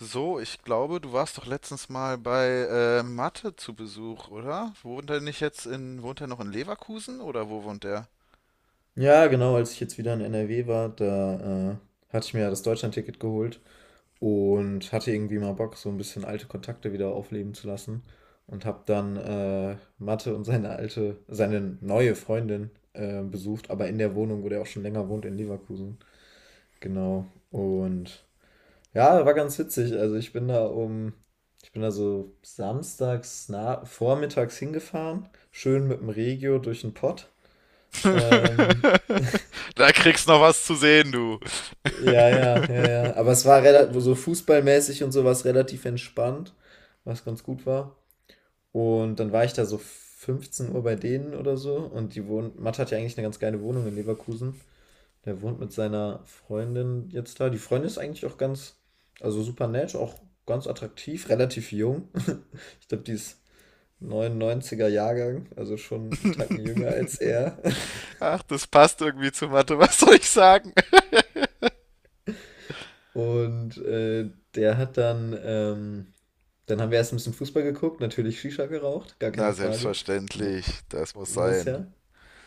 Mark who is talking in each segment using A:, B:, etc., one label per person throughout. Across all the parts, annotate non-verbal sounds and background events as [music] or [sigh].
A: So, ich glaube, du warst doch letztens mal bei Mathe zu Besuch, oder? Wohnt er nicht jetzt in, wohnt er noch in Leverkusen oder wo wohnt er?
B: Ja, genau, als ich jetzt wieder in NRW war, da hatte ich mir ja das ticket geholt und hatte irgendwie mal Bock, so ein bisschen alte Kontakte wieder aufleben zu lassen und habe dann Mathe und seine neue Freundin besucht, aber in der Wohnung, wo der auch schon länger wohnt, in Leverkusen. Genau. Und ja, war ganz witzig. Ich bin da so samstags vormittags hingefahren, schön mit dem Regio durch den Pott.
A: [laughs]
B: Ähm, [laughs]
A: Da kriegst noch was zu sehen, du.
B: Ja, ja, ja, ja. Aber es war relativ, so fußballmäßig und sowas relativ entspannt, was ganz gut war. Und dann war ich da so 15 Uhr bei denen oder so. Matt hat ja eigentlich eine ganz geile Wohnung in Leverkusen. Der wohnt mit seiner Freundin jetzt da. Die Freundin ist eigentlich auch ganz, also super nett, auch ganz attraktiv, relativ jung. [laughs] Ich glaube, die ist 99er Jahrgang, also schon einen
A: [laughs]
B: Tacken jünger als er. [laughs]
A: Ach, das passt irgendwie zu Mathe, was soll ich sagen?
B: Und der hat dann, ähm, Dann haben wir erst ein bisschen Fußball geguckt, natürlich Shisha geraucht, gar keine
A: Na,
B: Frage. Mu
A: selbstverständlich, das muss
B: muss
A: sein.
B: ja.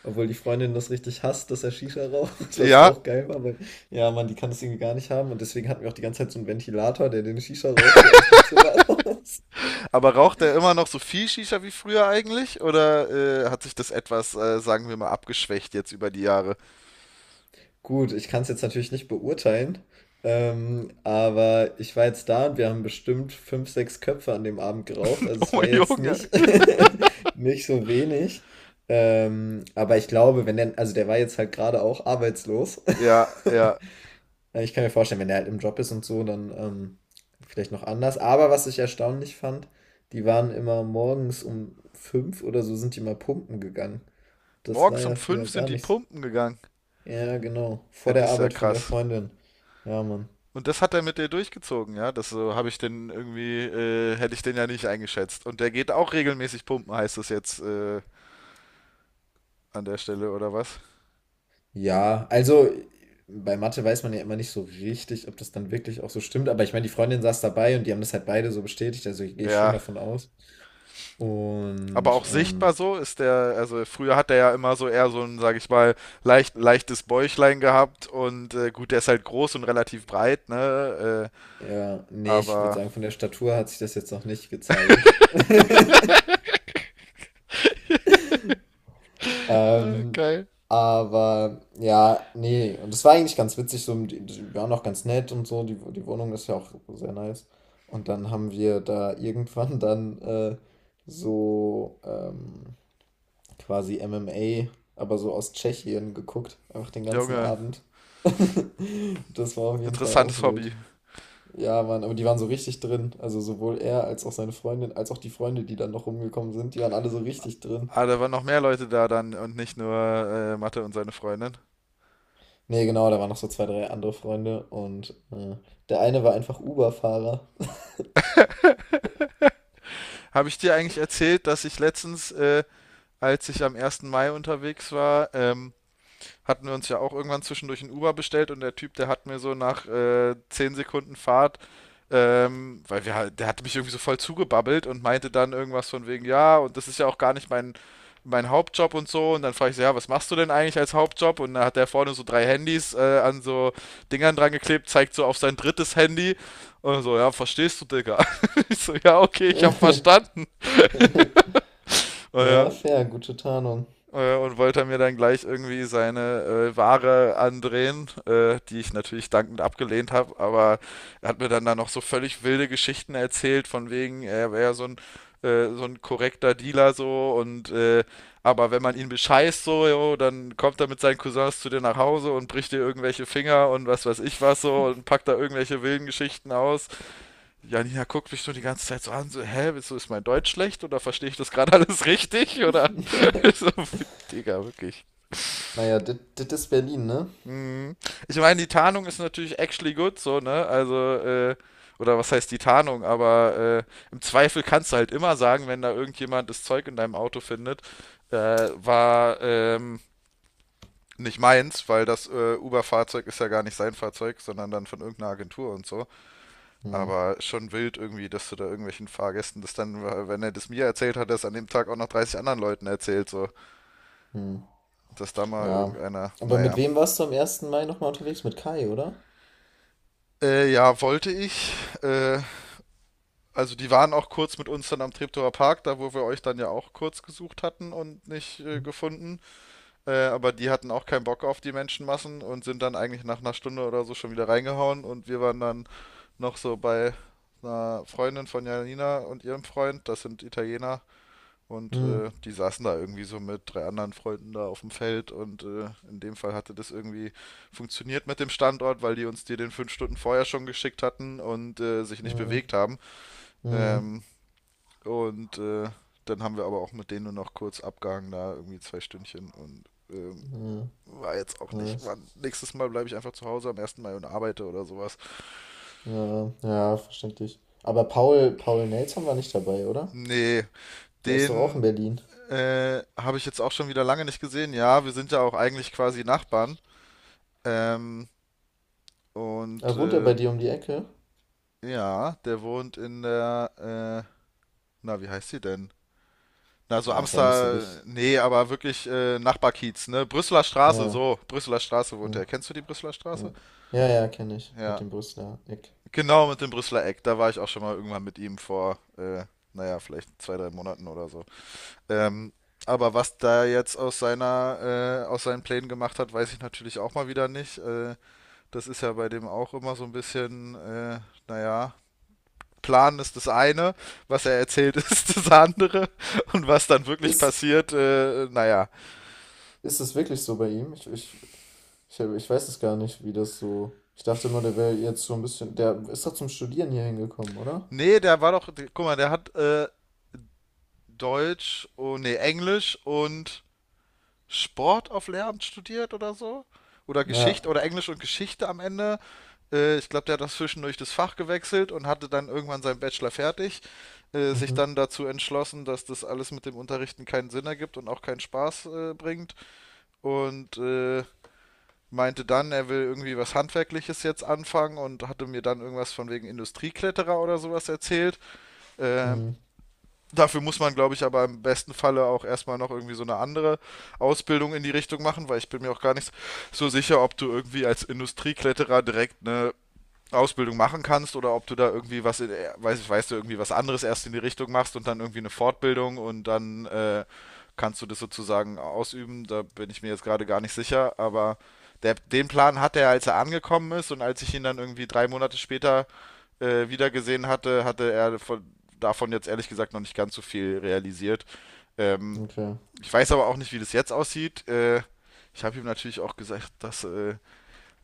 B: Obwohl die Freundin das richtig hasst, dass er Shisha raucht, [laughs] was
A: Ja,
B: auch geil war, weil ja, Mann, die kann das irgendwie gar nicht haben, und deswegen hatten wir auch die ganze Zeit so einen Ventilator, der den Shisha-Rauch so aus dem Zimmer [laughs] raus.
A: aber raucht er immer noch so viel Shisha wie früher eigentlich? Oder hat sich das etwas, sagen wir mal, abgeschwächt jetzt über die Jahre? [laughs]
B: Gut, ich kann es jetzt natürlich nicht beurteilen, aber ich war jetzt da und wir haben bestimmt fünf, sechs Köpfe an dem Abend geraucht. Also es
A: Oh
B: war jetzt
A: Junge.
B: nicht, [laughs] nicht so wenig. Aber ich glaube, wenn der, also der war jetzt halt gerade auch arbeitslos.
A: Ja,
B: [laughs]
A: ja.
B: Ich kann mir vorstellen, wenn der halt im Job ist und so, dann vielleicht noch anders. Aber was ich erstaunlich fand, die waren immer morgens um fünf oder so sind die mal pumpen gegangen. Das war
A: Morgens um
B: ja früher
A: fünf
B: gar
A: sind die
B: nicht so,
A: Pumpen gegangen.
B: ja, genau.
A: Ja,
B: Vor der
A: das ist ja
B: Arbeit von der
A: krass.
B: Freundin. Ja, Mann.
A: Und das hat er mit dir durchgezogen, ja? Das, so habe ich den irgendwie, hätte ich den ja nicht eingeschätzt. Und der geht auch regelmäßig pumpen, heißt es jetzt an der Stelle, oder was?
B: Ja, also bei Mathe weiß man ja immer nicht so richtig, ob das dann wirklich auch so stimmt. Aber ich meine, die Freundin saß dabei und die haben das halt beide so bestätigt. Also gehe ich schon
A: Ja.
B: davon aus.
A: Aber auch
B: Und
A: sichtbar so ist der, also früher hat er ja immer so eher so ein, sag ich mal, leicht, leichtes Bäuchlein gehabt und gut, der ist halt groß und relativ breit, ne?
B: ja, nee, ich würde
A: Aber.
B: sagen, von der Statur hat sich das jetzt noch nicht gezeigt.
A: [laughs]
B: Ähm,
A: Geil.
B: aber ja, nee. Und das war eigentlich ganz witzig, so, die waren auch ganz nett und so, die Wohnung ist ja auch sehr nice. Und dann haben wir da irgendwann [laughs] dann so quasi MMA, aber so aus Tschechien geguckt, einfach den ganzen
A: Junge,
B: Abend. [laughs] Das war auf jeden Fall auch
A: interessantes Hobby.
B: wild. Ja, Mann, aber die waren so richtig drin. Also sowohl er als auch seine Freundin, als auch die Freunde, die dann noch rumgekommen sind, die waren alle so richtig drin.
A: Ah, da waren noch mehr Leute da dann und nicht nur Mathe und seine Freundin.
B: Nee, genau, da waren noch so zwei, drei andere Freunde der eine war einfach Uber-Fahrer.
A: Habe ich dir eigentlich erzählt, dass ich letztens, als ich am ersten Mai unterwegs war, hatten wir uns ja auch irgendwann zwischendurch ein Uber bestellt, und der Typ, der hat mir so nach 10 Sekunden Fahrt, weil wir, halt- der hat mich irgendwie so voll zugebabbelt und meinte dann irgendwas von wegen, ja, und das ist ja auch gar nicht mein, mein Hauptjob und so. Und dann frage ich so, ja, was machst du denn eigentlich als Hauptjob? Und da hat der vorne so drei Handys an so Dingern dran geklebt, zeigt so auf sein drittes Handy. Und so, ja, verstehst du, Digga? [laughs] Ich so, ja, okay, ich hab
B: [laughs]
A: verstanden.
B: Ja,
A: Äh,
B: fair, gute Tarnung.
A: und wollte mir dann gleich irgendwie seine Ware andrehen, die ich natürlich dankend abgelehnt habe, aber er hat mir dann da noch so völlig wilde Geschichten erzählt, von wegen, er wäre so ein korrekter Dealer so, und aber wenn man ihn bescheißt, so, jo, dann kommt er mit seinen Cousins zu dir nach Hause und bricht dir irgendwelche Finger und was weiß ich was so und packt da irgendwelche wilden Geschichten aus. Janina guckt mich so die ganze Zeit so an, so, hä, wieso ist mein Deutsch schlecht, oder verstehe ich das gerade alles richtig? Oder [laughs] so, Digga, wirklich.
B: Naja, das ist Berlin, ne?
A: Hm. Ich meine, die Tarnung ist natürlich actually good, so, ne? Also, oder was heißt die Tarnung, aber im Zweifel kannst du halt immer sagen, wenn da irgendjemand das Zeug in deinem Auto findet, war nicht meins, weil das Uber-Fahrzeug ist ja gar nicht sein Fahrzeug, sondern dann von irgendeiner Agentur und so.
B: Hm,
A: Aber schon wild irgendwie, dass du da irgendwelchen Fahrgästen das dann, wenn er das mir erzählt hat, das an dem Tag auch noch 30 anderen Leuten erzählt, so.
B: hm,
A: Und dass da mal
B: ja.
A: irgendeiner,
B: Aber mit
A: naja.
B: wem warst du am ersten Mai nochmal unterwegs? Mit Kai, oder?
A: Ja, wollte ich. Äh, also die waren auch kurz mit uns dann am Treptower Park, da wo wir euch dann ja auch kurz gesucht hatten und nicht
B: Hm,
A: gefunden. Aber die hatten auch keinen Bock auf die Menschenmassen und sind dann eigentlich nach einer Stunde oder so schon wieder reingehauen. Und wir waren dann noch so bei einer Freundin von Janina und ihrem Freund, das sind Italiener, und die saßen da irgendwie so mit drei anderen Freunden da auf dem Feld, und in dem Fall hatte das irgendwie funktioniert mit dem Standort, weil die uns die den fünf Stunden vorher schon geschickt hatten und sich nicht
B: hm,
A: bewegt haben.
B: hm,
A: Ähm, und äh, dann haben wir aber auch mit denen nur noch kurz abgehangen, da irgendwie zwei Stündchen und ähm,
B: hm,
A: war jetzt auch
B: ja,
A: nicht.
B: nice.
A: War, nächstes Mal bleibe ich einfach zu Hause am ersten Mai und arbeite oder sowas.
B: Ja, ja, verständlich. Aber Paul, Paul Nelson war nicht dabei, oder?
A: Nee,
B: Der ist doch auch in
A: den
B: Berlin.
A: habe ich jetzt auch schon wieder lange nicht gesehen. Ja, wir sind ja auch eigentlich quasi Nachbarn. Ähm, Und
B: Ah, wohnt er
A: äh,
B: bei dir um die Ecke?
A: ja, der wohnt in der, na, wie heißt sie denn? Na, so
B: Ja, ist ja auch nicht so
A: Amstel,
B: wichtig.
A: nee, aber wirklich Nachbarkiez, ne? Brüsseler Straße,
B: Ja,
A: so, Brüsseler Straße wohnt
B: ja.
A: er. Kennst du die Brüsseler Straße?
B: Ja, ja, ja kenne ich. Mit
A: Ja,
B: dem Brüsseler Eck.
A: genau, mit dem Brüsseler Eck. Da war ich auch schon mal irgendwann mit ihm vor, naja, vielleicht zwei, drei Monaten oder so. Ähm, aber was da jetzt aus seiner, aus seinen Plänen gemacht hat, weiß ich natürlich auch mal wieder nicht. Das ist ja bei dem auch immer so ein bisschen, naja, Plan ist das eine, was er erzählt [laughs] ist das andere, und was dann wirklich
B: Ist,
A: passiert, naja.
B: ist es wirklich so bei ihm? Ich weiß es gar nicht, wie das so. Ich dachte immer, der wäre jetzt so ein bisschen. Der ist doch zum Studieren hier hingekommen, oder?
A: Nee, der war doch, guck mal, der hat Deutsch, oh, nee, Englisch und Sport auf Lehramt studiert oder so. Oder
B: Ja.
A: Geschichte oder Englisch und Geschichte am Ende. Ich glaube, der hat das zwischendurch das Fach gewechselt und hatte dann irgendwann seinen Bachelor fertig. Sich
B: Mhm.
A: dann dazu entschlossen, dass das alles mit dem Unterrichten keinen Sinn ergibt und auch keinen Spaß bringt. Und meinte dann, er will irgendwie was Handwerkliches jetzt anfangen, und hatte mir dann irgendwas von wegen Industriekletterer oder sowas erzählt. Äh,
B: Mhm.
A: dafür muss man, glaube ich, aber im besten Falle auch erstmal noch irgendwie so eine andere Ausbildung in die Richtung machen, weil ich bin mir auch gar nicht so sicher, ob du irgendwie als Industriekletterer direkt eine Ausbildung machen kannst, oder ob du da irgendwie was, in, weiß, weißt du, irgendwie was anderes erst in die Richtung machst und dann irgendwie eine Fortbildung und dann kannst du das sozusagen ausüben. Da bin ich mir jetzt gerade gar nicht sicher, aber der, den Plan hatte er, als er angekommen ist, und als ich ihn dann irgendwie drei Monate später wieder gesehen hatte, hatte er von, davon jetzt ehrlich gesagt noch nicht ganz so viel realisiert. Ähm,
B: Okay.
A: ich weiß aber auch nicht, wie das jetzt aussieht. Ich habe ihm natürlich auch gesagt, dass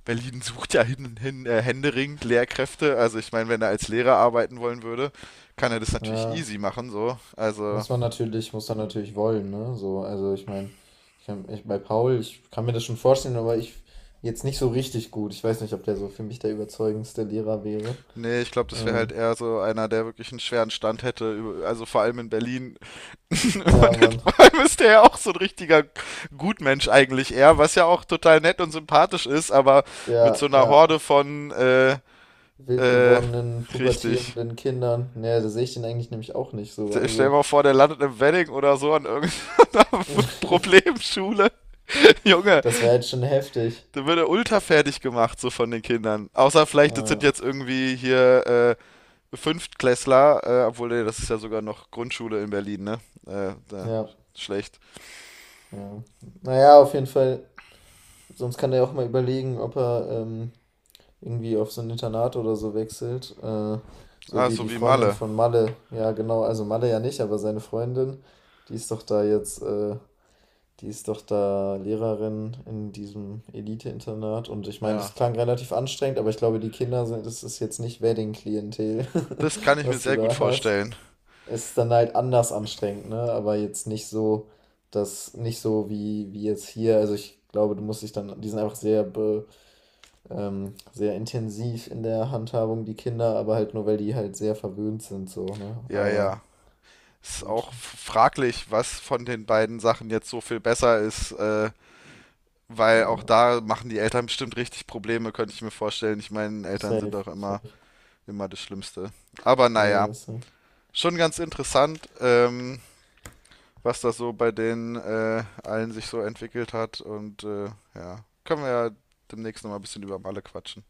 A: Berlin sucht ja hin, hin, händeringend Lehrkräfte. Also ich meine, wenn er als Lehrer arbeiten wollen würde, kann er das natürlich
B: Ja.
A: easy machen, so. Also,
B: Muss man natürlich wollen, ne? So, also ich meine, bei Paul, ich kann mir das schon vorstellen, aber ich jetzt nicht so richtig gut. Ich weiß nicht, ob der so für mich der überzeugendste Lehrer wäre.
A: nee, ich glaube, das wäre halt
B: Ähm,
A: eher so einer, der wirklich einen schweren Stand hätte, über- also vor allem in Berlin. [laughs]
B: ja,
A: Und
B: Mann.
A: vor allem ist der ja auch so ein richtiger Gutmensch eigentlich eher, was ja auch total nett und sympathisch ist, aber mit so
B: Ja,
A: einer
B: ja.
A: Horde von,
B: wild
A: äh,
B: gewordenen,
A: richtig.
B: pubertierenden Kindern. Naja, da sehe ich den eigentlich nämlich auch nicht so.
A: Stell dir
B: Also,
A: mal vor, der landet im Wedding oder so an irgendeiner [laughs]
B: [laughs]
A: Problemschule. [laughs] Junge,
B: das wäre jetzt schon heftig.
A: da wird er ultra fertig gemacht, so von den Kindern. Außer vielleicht, das
B: Äh,
A: sind jetzt irgendwie hier Fünftklässler, obwohl, nee, das ist ja sogar noch Grundschule in Berlin, ne? Da,
B: ja,
A: schlecht.
B: ja. Naja, auf jeden Fall. Sonst kann er auch mal überlegen, ob er irgendwie auf so ein Internat oder so wechselt. So
A: Ah,
B: wie
A: so
B: die
A: wie
B: Freundin
A: Malle.
B: von Malle. Ja, genau. Also Malle ja nicht, aber seine Freundin, die ist doch da jetzt äh, Die ist doch da Lehrerin in diesem Elite-Internat und ich meine, das
A: Ja.
B: klang relativ anstrengend, aber ich glaube, die Kinder sind, das ist jetzt nicht Wedding-Klientel, [laughs]
A: Das kann ich mir
B: was du
A: sehr gut
B: da hast.
A: vorstellen.
B: Es ist dann halt anders anstrengend, ne? Aber jetzt nicht so, das nicht so wie, wie jetzt hier. Also ich glaube, du musst dich dann, die sind einfach sehr intensiv in der Handhabung, die Kinder, aber halt nur, weil die halt sehr verwöhnt sind, so, ne?
A: Ja,
B: Aber
A: ja. Ist auch
B: gut,
A: f- fraglich, was von den beiden Sachen jetzt so viel besser ist, weil auch
B: ja,
A: da machen die Eltern bestimmt richtig Probleme, könnte ich mir vorstellen. Ich meine, Eltern sind
B: safe,
A: doch immer,
B: safe.
A: immer das Schlimmste. Aber
B: Ja,
A: naja,
B: ja, safe.
A: schon ganz interessant. Was das so bei den allen sich so entwickelt hat. Und ja, können wir ja demnächst nochmal ein bisschen über Malle quatschen.